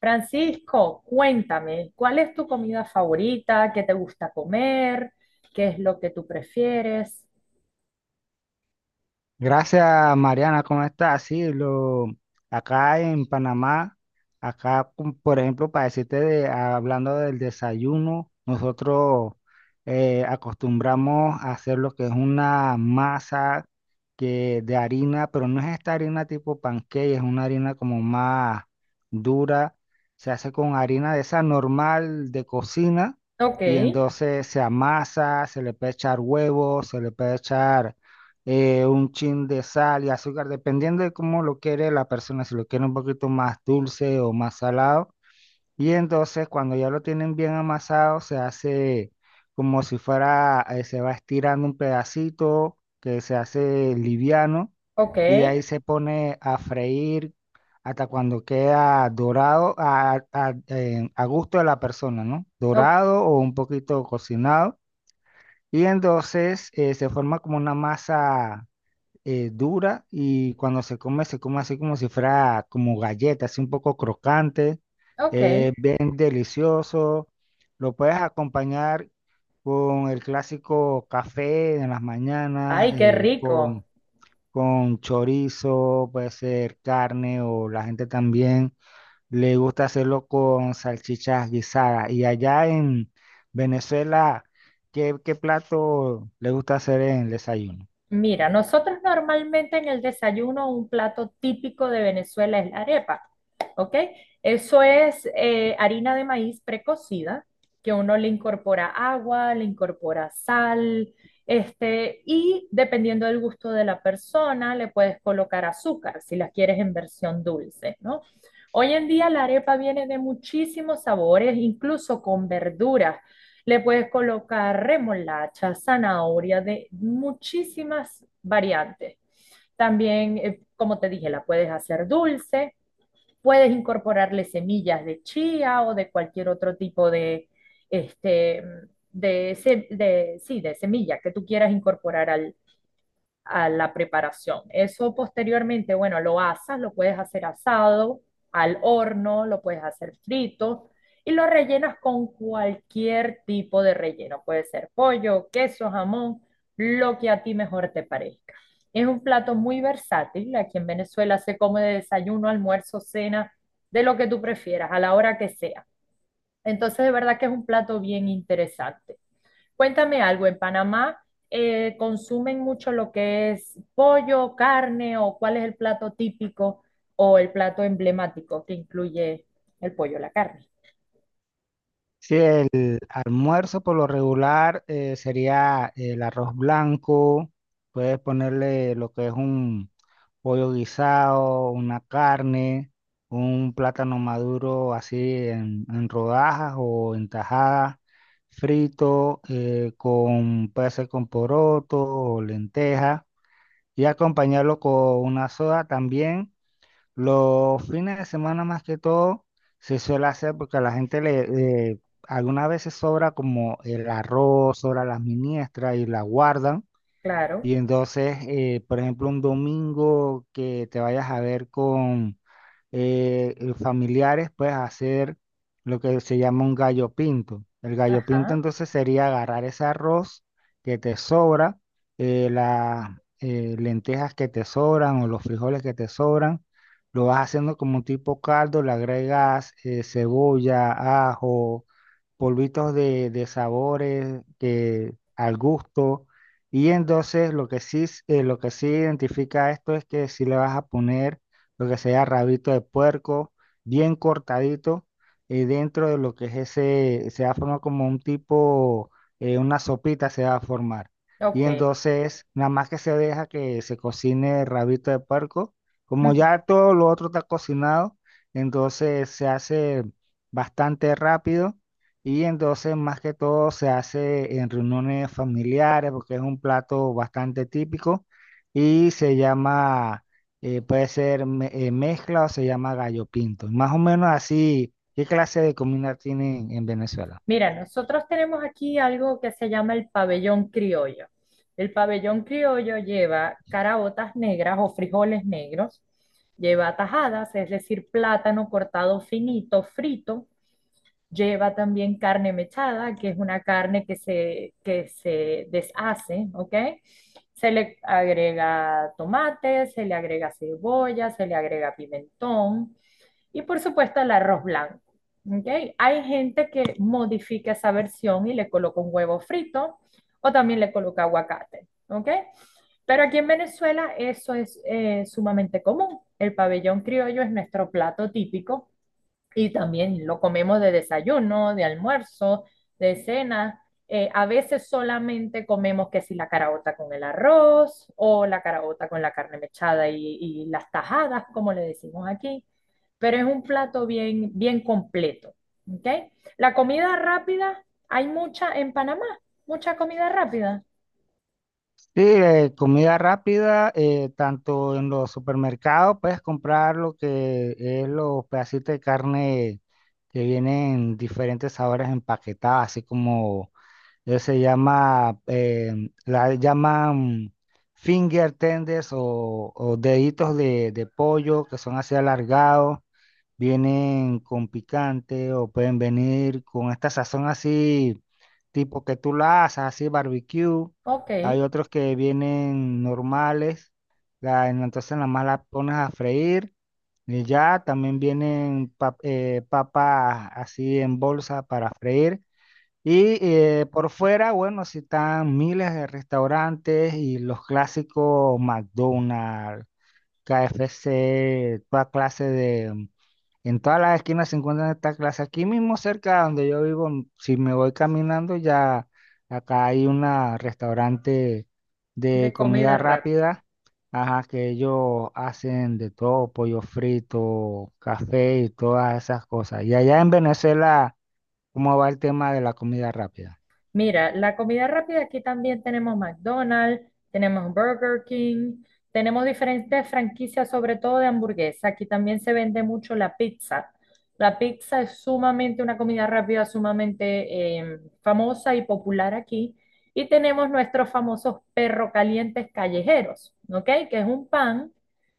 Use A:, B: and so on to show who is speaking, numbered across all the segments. A: Francisco, cuéntame, ¿cuál es tu comida favorita? ¿Qué te gusta comer? ¿Qué es lo que tú prefieres?
B: Gracias, Mariana, ¿cómo estás? Acá en Panamá, por ejemplo, para decirte, hablando del desayuno, nosotros acostumbramos a hacer lo que es una masa que de harina, pero no es esta harina tipo pancake, es una harina como más dura. Se hace con harina de esa normal de cocina,
A: Ok,
B: y entonces se amasa, se le puede echar huevos, se le puede echar un chin de sal y azúcar, dependiendo de cómo lo quiere la persona, si lo quiere un poquito más dulce o más salado. Y entonces cuando ya lo tienen bien amasado, se hace como si fuera, se va estirando un pedacito que se hace liviano,
A: ok,
B: y de ahí se pone a freír hasta cuando queda dorado a gusto de la persona, ¿no?
A: o-
B: Dorado o un poquito cocinado. Y entonces se forma como una masa dura, y cuando se come así como si fuera como galleta, así un poco crocante,
A: ok.
B: bien delicioso. Lo puedes acompañar con el clásico café en las mañanas,
A: Ay, qué rico.
B: con chorizo, puede ser carne, o la gente también le gusta hacerlo con salchichas guisadas. Y allá en Venezuela, ¿qué plato le gusta hacer en el desayuno?
A: Mira, nosotros normalmente en el desayuno un plato típico de Venezuela es la arepa, ¿ok? Eso es harina de maíz precocida, que uno le incorpora agua, le incorpora sal, y dependiendo del gusto de la persona, le puedes colocar azúcar si la quieres en versión dulce, ¿no? Hoy en día la arepa viene de muchísimos sabores, incluso con verduras. Le puedes colocar remolacha, zanahoria, de muchísimas variantes. También, como te dije, la puedes hacer dulce, puedes incorporarle semillas de chía o de cualquier otro tipo este, de, sí, de semilla que tú quieras incorporar al a la preparación. Eso posteriormente, bueno, lo asas, lo puedes hacer asado, al horno, lo puedes hacer frito y lo rellenas con cualquier tipo de relleno. Puede ser pollo, queso, jamón, lo que a ti mejor te parezca. Es un plato muy versátil. Aquí en Venezuela se come de desayuno, almuerzo, cena, de lo que tú prefieras, a la hora que sea. Entonces, de verdad que es un plato bien interesante. Cuéntame algo, ¿en Panamá consumen mucho lo que es pollo, carne, o cuál es el plato típico o el plato emblemático que incluye el pollo, la carne?
B: Sí, el almuerzo por lo regular sería el arroz blanco. Puedes ponerle lo que es un pollo guisado, una carne, un plátano maduro así en rodajas o en tajadas, frito, puede ser con poroto o lenteja, y acompañarlo con una soda también. Los fines de semana más que todo se suele hacer porque a la gente le algunas veces sobra como el arroz, sobra las miniestras y la guardan.
A: Claro,
B: Y entonces, por ejemplo, un domingo que te vayas a ver con familiares, pues hacer lo que se llama un gallo pinto. El gallo pinto
A: ajá,
B: entonces sería agarrar ese arroz que te sobra, las lentejas que te sobran o los frijoles que te sobran, lo vas haciendo como un tipo caldo, le agregas cebolla, ajo, polvitos de sabores que, al gusto. Y entonces lo que sí, lo que sí identifica esto es que si le vas a poner lo que sea rabito de puerco, bien cortadito, dentro de lo que es ese, se va a formar como un tipo, una sopita se va a formar. Y
A: ok.
B: entonces, nada más que se deja que se cocine el rabito de puerco, como
A: Ujú.
B: ya todo lo otro está cocinado, entonces se hace bastante rápido. Y entonces, más que todo, se hace en reuniones familiares porque es un plato bastante típico y se llama mezcla, o se llama gallo pinto. Más o menos así, ¿qué clase de comida tienen en Venezuela?
A: Mira, nosotros tenemos aquí algo que se llama el pabellón criollo. El pabellón criollo lleva caraotas negras o frijoles negros, lleva tajadas, es decir, plátano cortado finito, frito. Lleva también carne mechada, que es una carne que se deshace, ¿ok? Se le agrega tomate, se le agrega cebolla, se le agrega pimentón y por supuesto el arroz blanco, ¿ok? Hay gente que modifica esa versión y le coloca un huevo frito o también le coloca aguacate, ¿ok? Pero aquí en Venezuela eso es sumamente común. El pabellón criollo es nuestro plato típico y también lo comemos de desayuno, de almuerzo, de cena. A veces solamente comemos que si la caraota con el arroz o la caraota con la carne mechada y las tajadas, como le decimos aquí. Pero es un plato bien, bien completo. ¿Ok? La comida rápida, hay mucha en Panamá, mucha comida rápida.
B: Sí, comida rápida, tanto en los supermercados puedes comprar lo que es los pedacitos de carne que vienen diferentes sabores empaquetadas, así como la llaman finger tenders, o deditos de pollo, que son así alargados. Vienen con picante o pueden venir con esta sazón así, tipo que tú la haces, así barbecue.
A: Ok,
B: Hay otros que vienen normales, entonces nada más la pones a freír, y ya también vienen papas así en bolsa para freír. Y por fuera, bueno, sí están miles de restaurantes y los clásicos McDonald's, KFC, toda clase de, en todas las esquinas se encuentran estas clases. Aquí mismo cerca de donde yo vivo, si me voy caminando, ya acá hay un restaurante de
A: de comida
B: comida
A: rápida.
B: rápida, ajá, que ellos hacen de todo, pollo frito, café y todas esas cosas. Y allá en Venezuela, ¿cómo va el tema de la comida rápida?
A: Mira, la comida rápida aquí también tenemos McDonald's, tenemos Burger King, tenemos diferentes franquicias, sobre todo de hamburguesa. Aquí también se vende mucho la pizza. La pizza es sumamente una comida rápida, sumamente famosa y popular aquí. Y tenemos nuestros famosos perro calientes callejeros, ¿ok? Que es un pan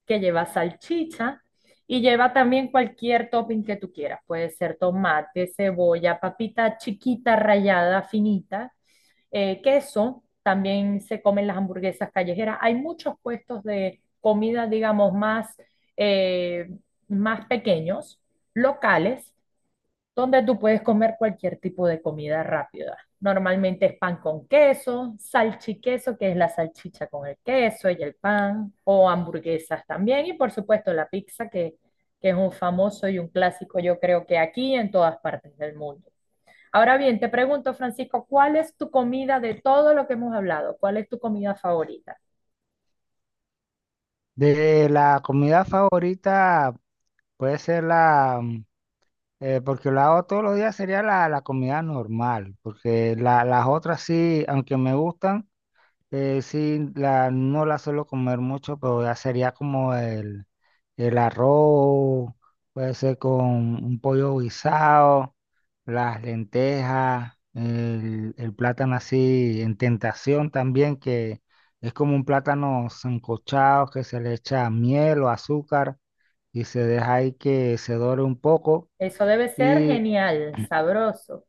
A: que lleva salchicha y lleva también cualquier topping que tú quieras. Puede ser tomate, cebolla, papita chiquita, rallada, finita, queso. También se comen las hamburguesas callejeras. Hay muchos puestos de comida, digamos, más, eh, más pequeños, locales, donde tú puedes comer cualquier tipo de comida rápida. Normalmente es pan con queso, salchiqueso, que es la salchicha con el queso y el pan, o hamburguesas también, y por supuesto la pizza, que es un famoso y un clásico, yo creo que aquí y en todas partes del mundo. Ahora bien, te pregunto, Francisco, ¿cuál es tu comida de todo lo que hemos hablado? ¿Cuál es tu comida favorita?
B: De la comida favorita puede ser la porque lo hago todos los días, sería la comida normal, porque las otras sí, aunque me gustan, no las suelo comer mucho, pero ya sería como el arroz, puede ser con un pollo guisado, las lentejas, el plátano así en tentación también, que es como un plátano sancochado que se le echa miel o azúcar y se deja ahí que se dore un poco.
A: Eso debe ser
B: Y
A: genial, sabroso.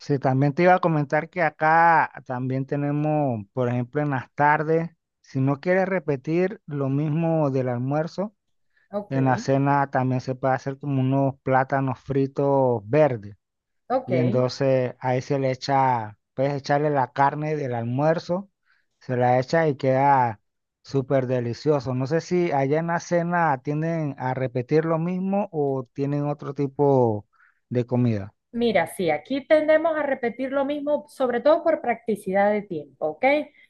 B: sí, también te iba a comentar que acá también tenemos, por ejemplo, en las tardes, si no quieres repetir lo mismo del almuerzo,
A: Ok,
B: en la cena también se puede hacer como unos plátanos fritos verdes. Y
A: ok.
B: entonces ahí se le echa, puedes echarle la carne del almuerzo, se la echa y queda súper delicioso. No sé si allá en la cena tienden a repetir lo mismo o tienen otro tipo de comida.
A: Mira, sí, aquí tendemos a repetir lo mismo, sobre todo por practicidad de tiempo, ¿ok?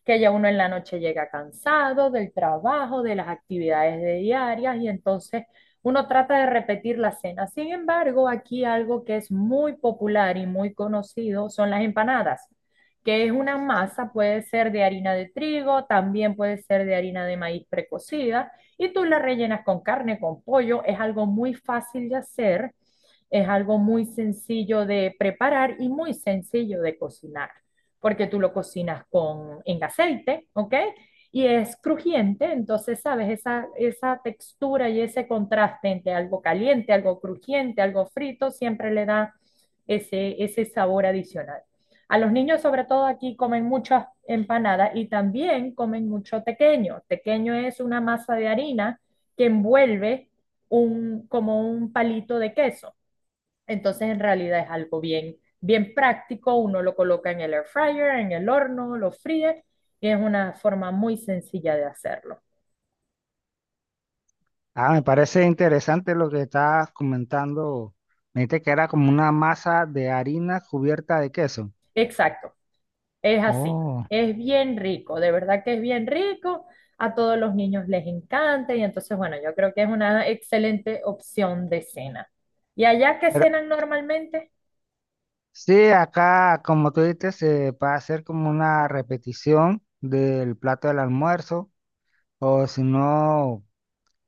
A: Que ya uno en la noche llega cansado del trabajo, de las actividades de diarias y entonces uno trata de repetir la cena. Sin embargo, aquí algo que es muy popular y muy conocido son las empanadas, que es una masa, puede ser de harina de trigo, también puede ser de harina de maíz precocida y tú la rellenas con carne, con pollo, es algo muy fácil de hacer, es algo muy sencillo de preparar y muy sencillo de cocinar, porque tú lo cocinas en aceite, ¿ok? Y es crujiente, entonces, ¿sabes? Esa textura y ese contraste entre algo caliente, algo crujiente, algo frito, siempre le da ese, ese sabor adicional. A los niños, sobre todo aquí, comen muchas empanadas y también comen mucho tequeño. Tequeño es una masa de harina que envuelve como un palito de queso. Entonces, en realidad es algo bien, bien práctico. Uno lo coloca en el air fryer, en el horno, lo fríe y es una forma muy sencilla de hacerlo.
B: Ah, me parece interesante lo que estás comentando. Me dijiste que era como una masa de harina cubierta de queso.
A: Exacto, es así.
B: Oh,
A: Es bien rico, de verdad que es bien rico. A todos los niños les encanta y entonces, bueno, yo creo que es una excelente opción de cena. ¿Y allá qué
B: pero
A: cenan normalmente?
B: sí, acá, como tú dijiste, se puede hacer como una repetición del plato del almuerzo, o si no,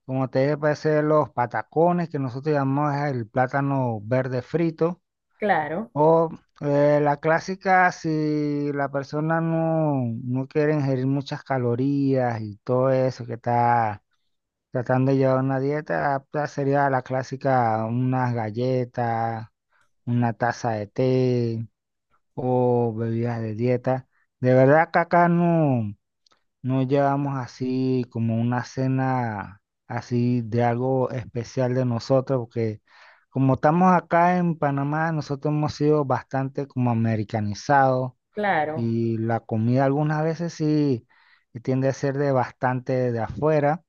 B: como te dije, puede ser los patacones, que nosotros llamamos el plátano verde frito,
A: Claro,
B: o la clásica, si la persona no quiere ingerir muchas calorías y todo eso, que está tratando de llevar una dieta apta, sería la clásica, unas galletas, una taza de té o bebidas de dieta. De verdad que acá no llevamos así como una cena así de algo especial de nosotros, porque como estamos acá en Panamá, nosotros hemos sido bastante como americanizados,
A: claro.
B: y la comida algunas veces sí tiende a ser de bastante de afuera.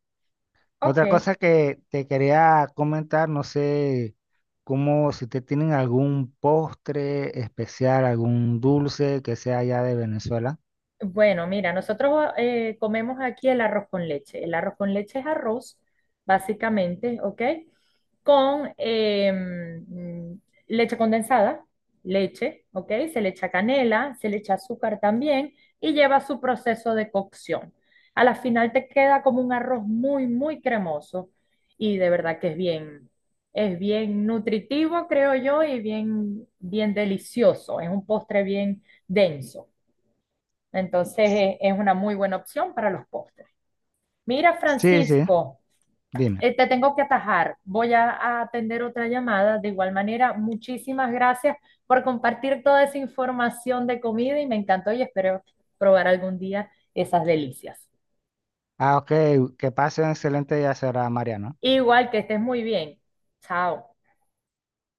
B: Otra cosa
A: Ok.
B: que te quería comentar, no sé cómo, si te tienen algún postre especial, algún dulce que sea allá de Venezuela.
A: Bueno, mira, nosotros comemos aquí el arroz con leche. El arroz con leche es arroz, básicamente, ¿ok? Con leche condensada, leche, ¿ok? Se le echa canela, se le echa azúcar también y lleva su proceso de cocción. A la final te queda como un arroz muy, muy cremoso y de verdad que es bien nutritivo, creo yo, y bien, bien delicioso. Es un postre bien denso. Entonces es una muy buena opción para los postres. Mira,
B: Sí, sí,
A: Francisco,
B: dime.
A: te tengo que atajar. Voy a atender otra llamada. De igual manera, muchísimas gracias por compartir toda esa información de comida y me encantó y espero probar algún día esas delicias.
B: Ah, ok, que pase un excelente día será, Mariano.
A: Igual que estés muy bien. Chao.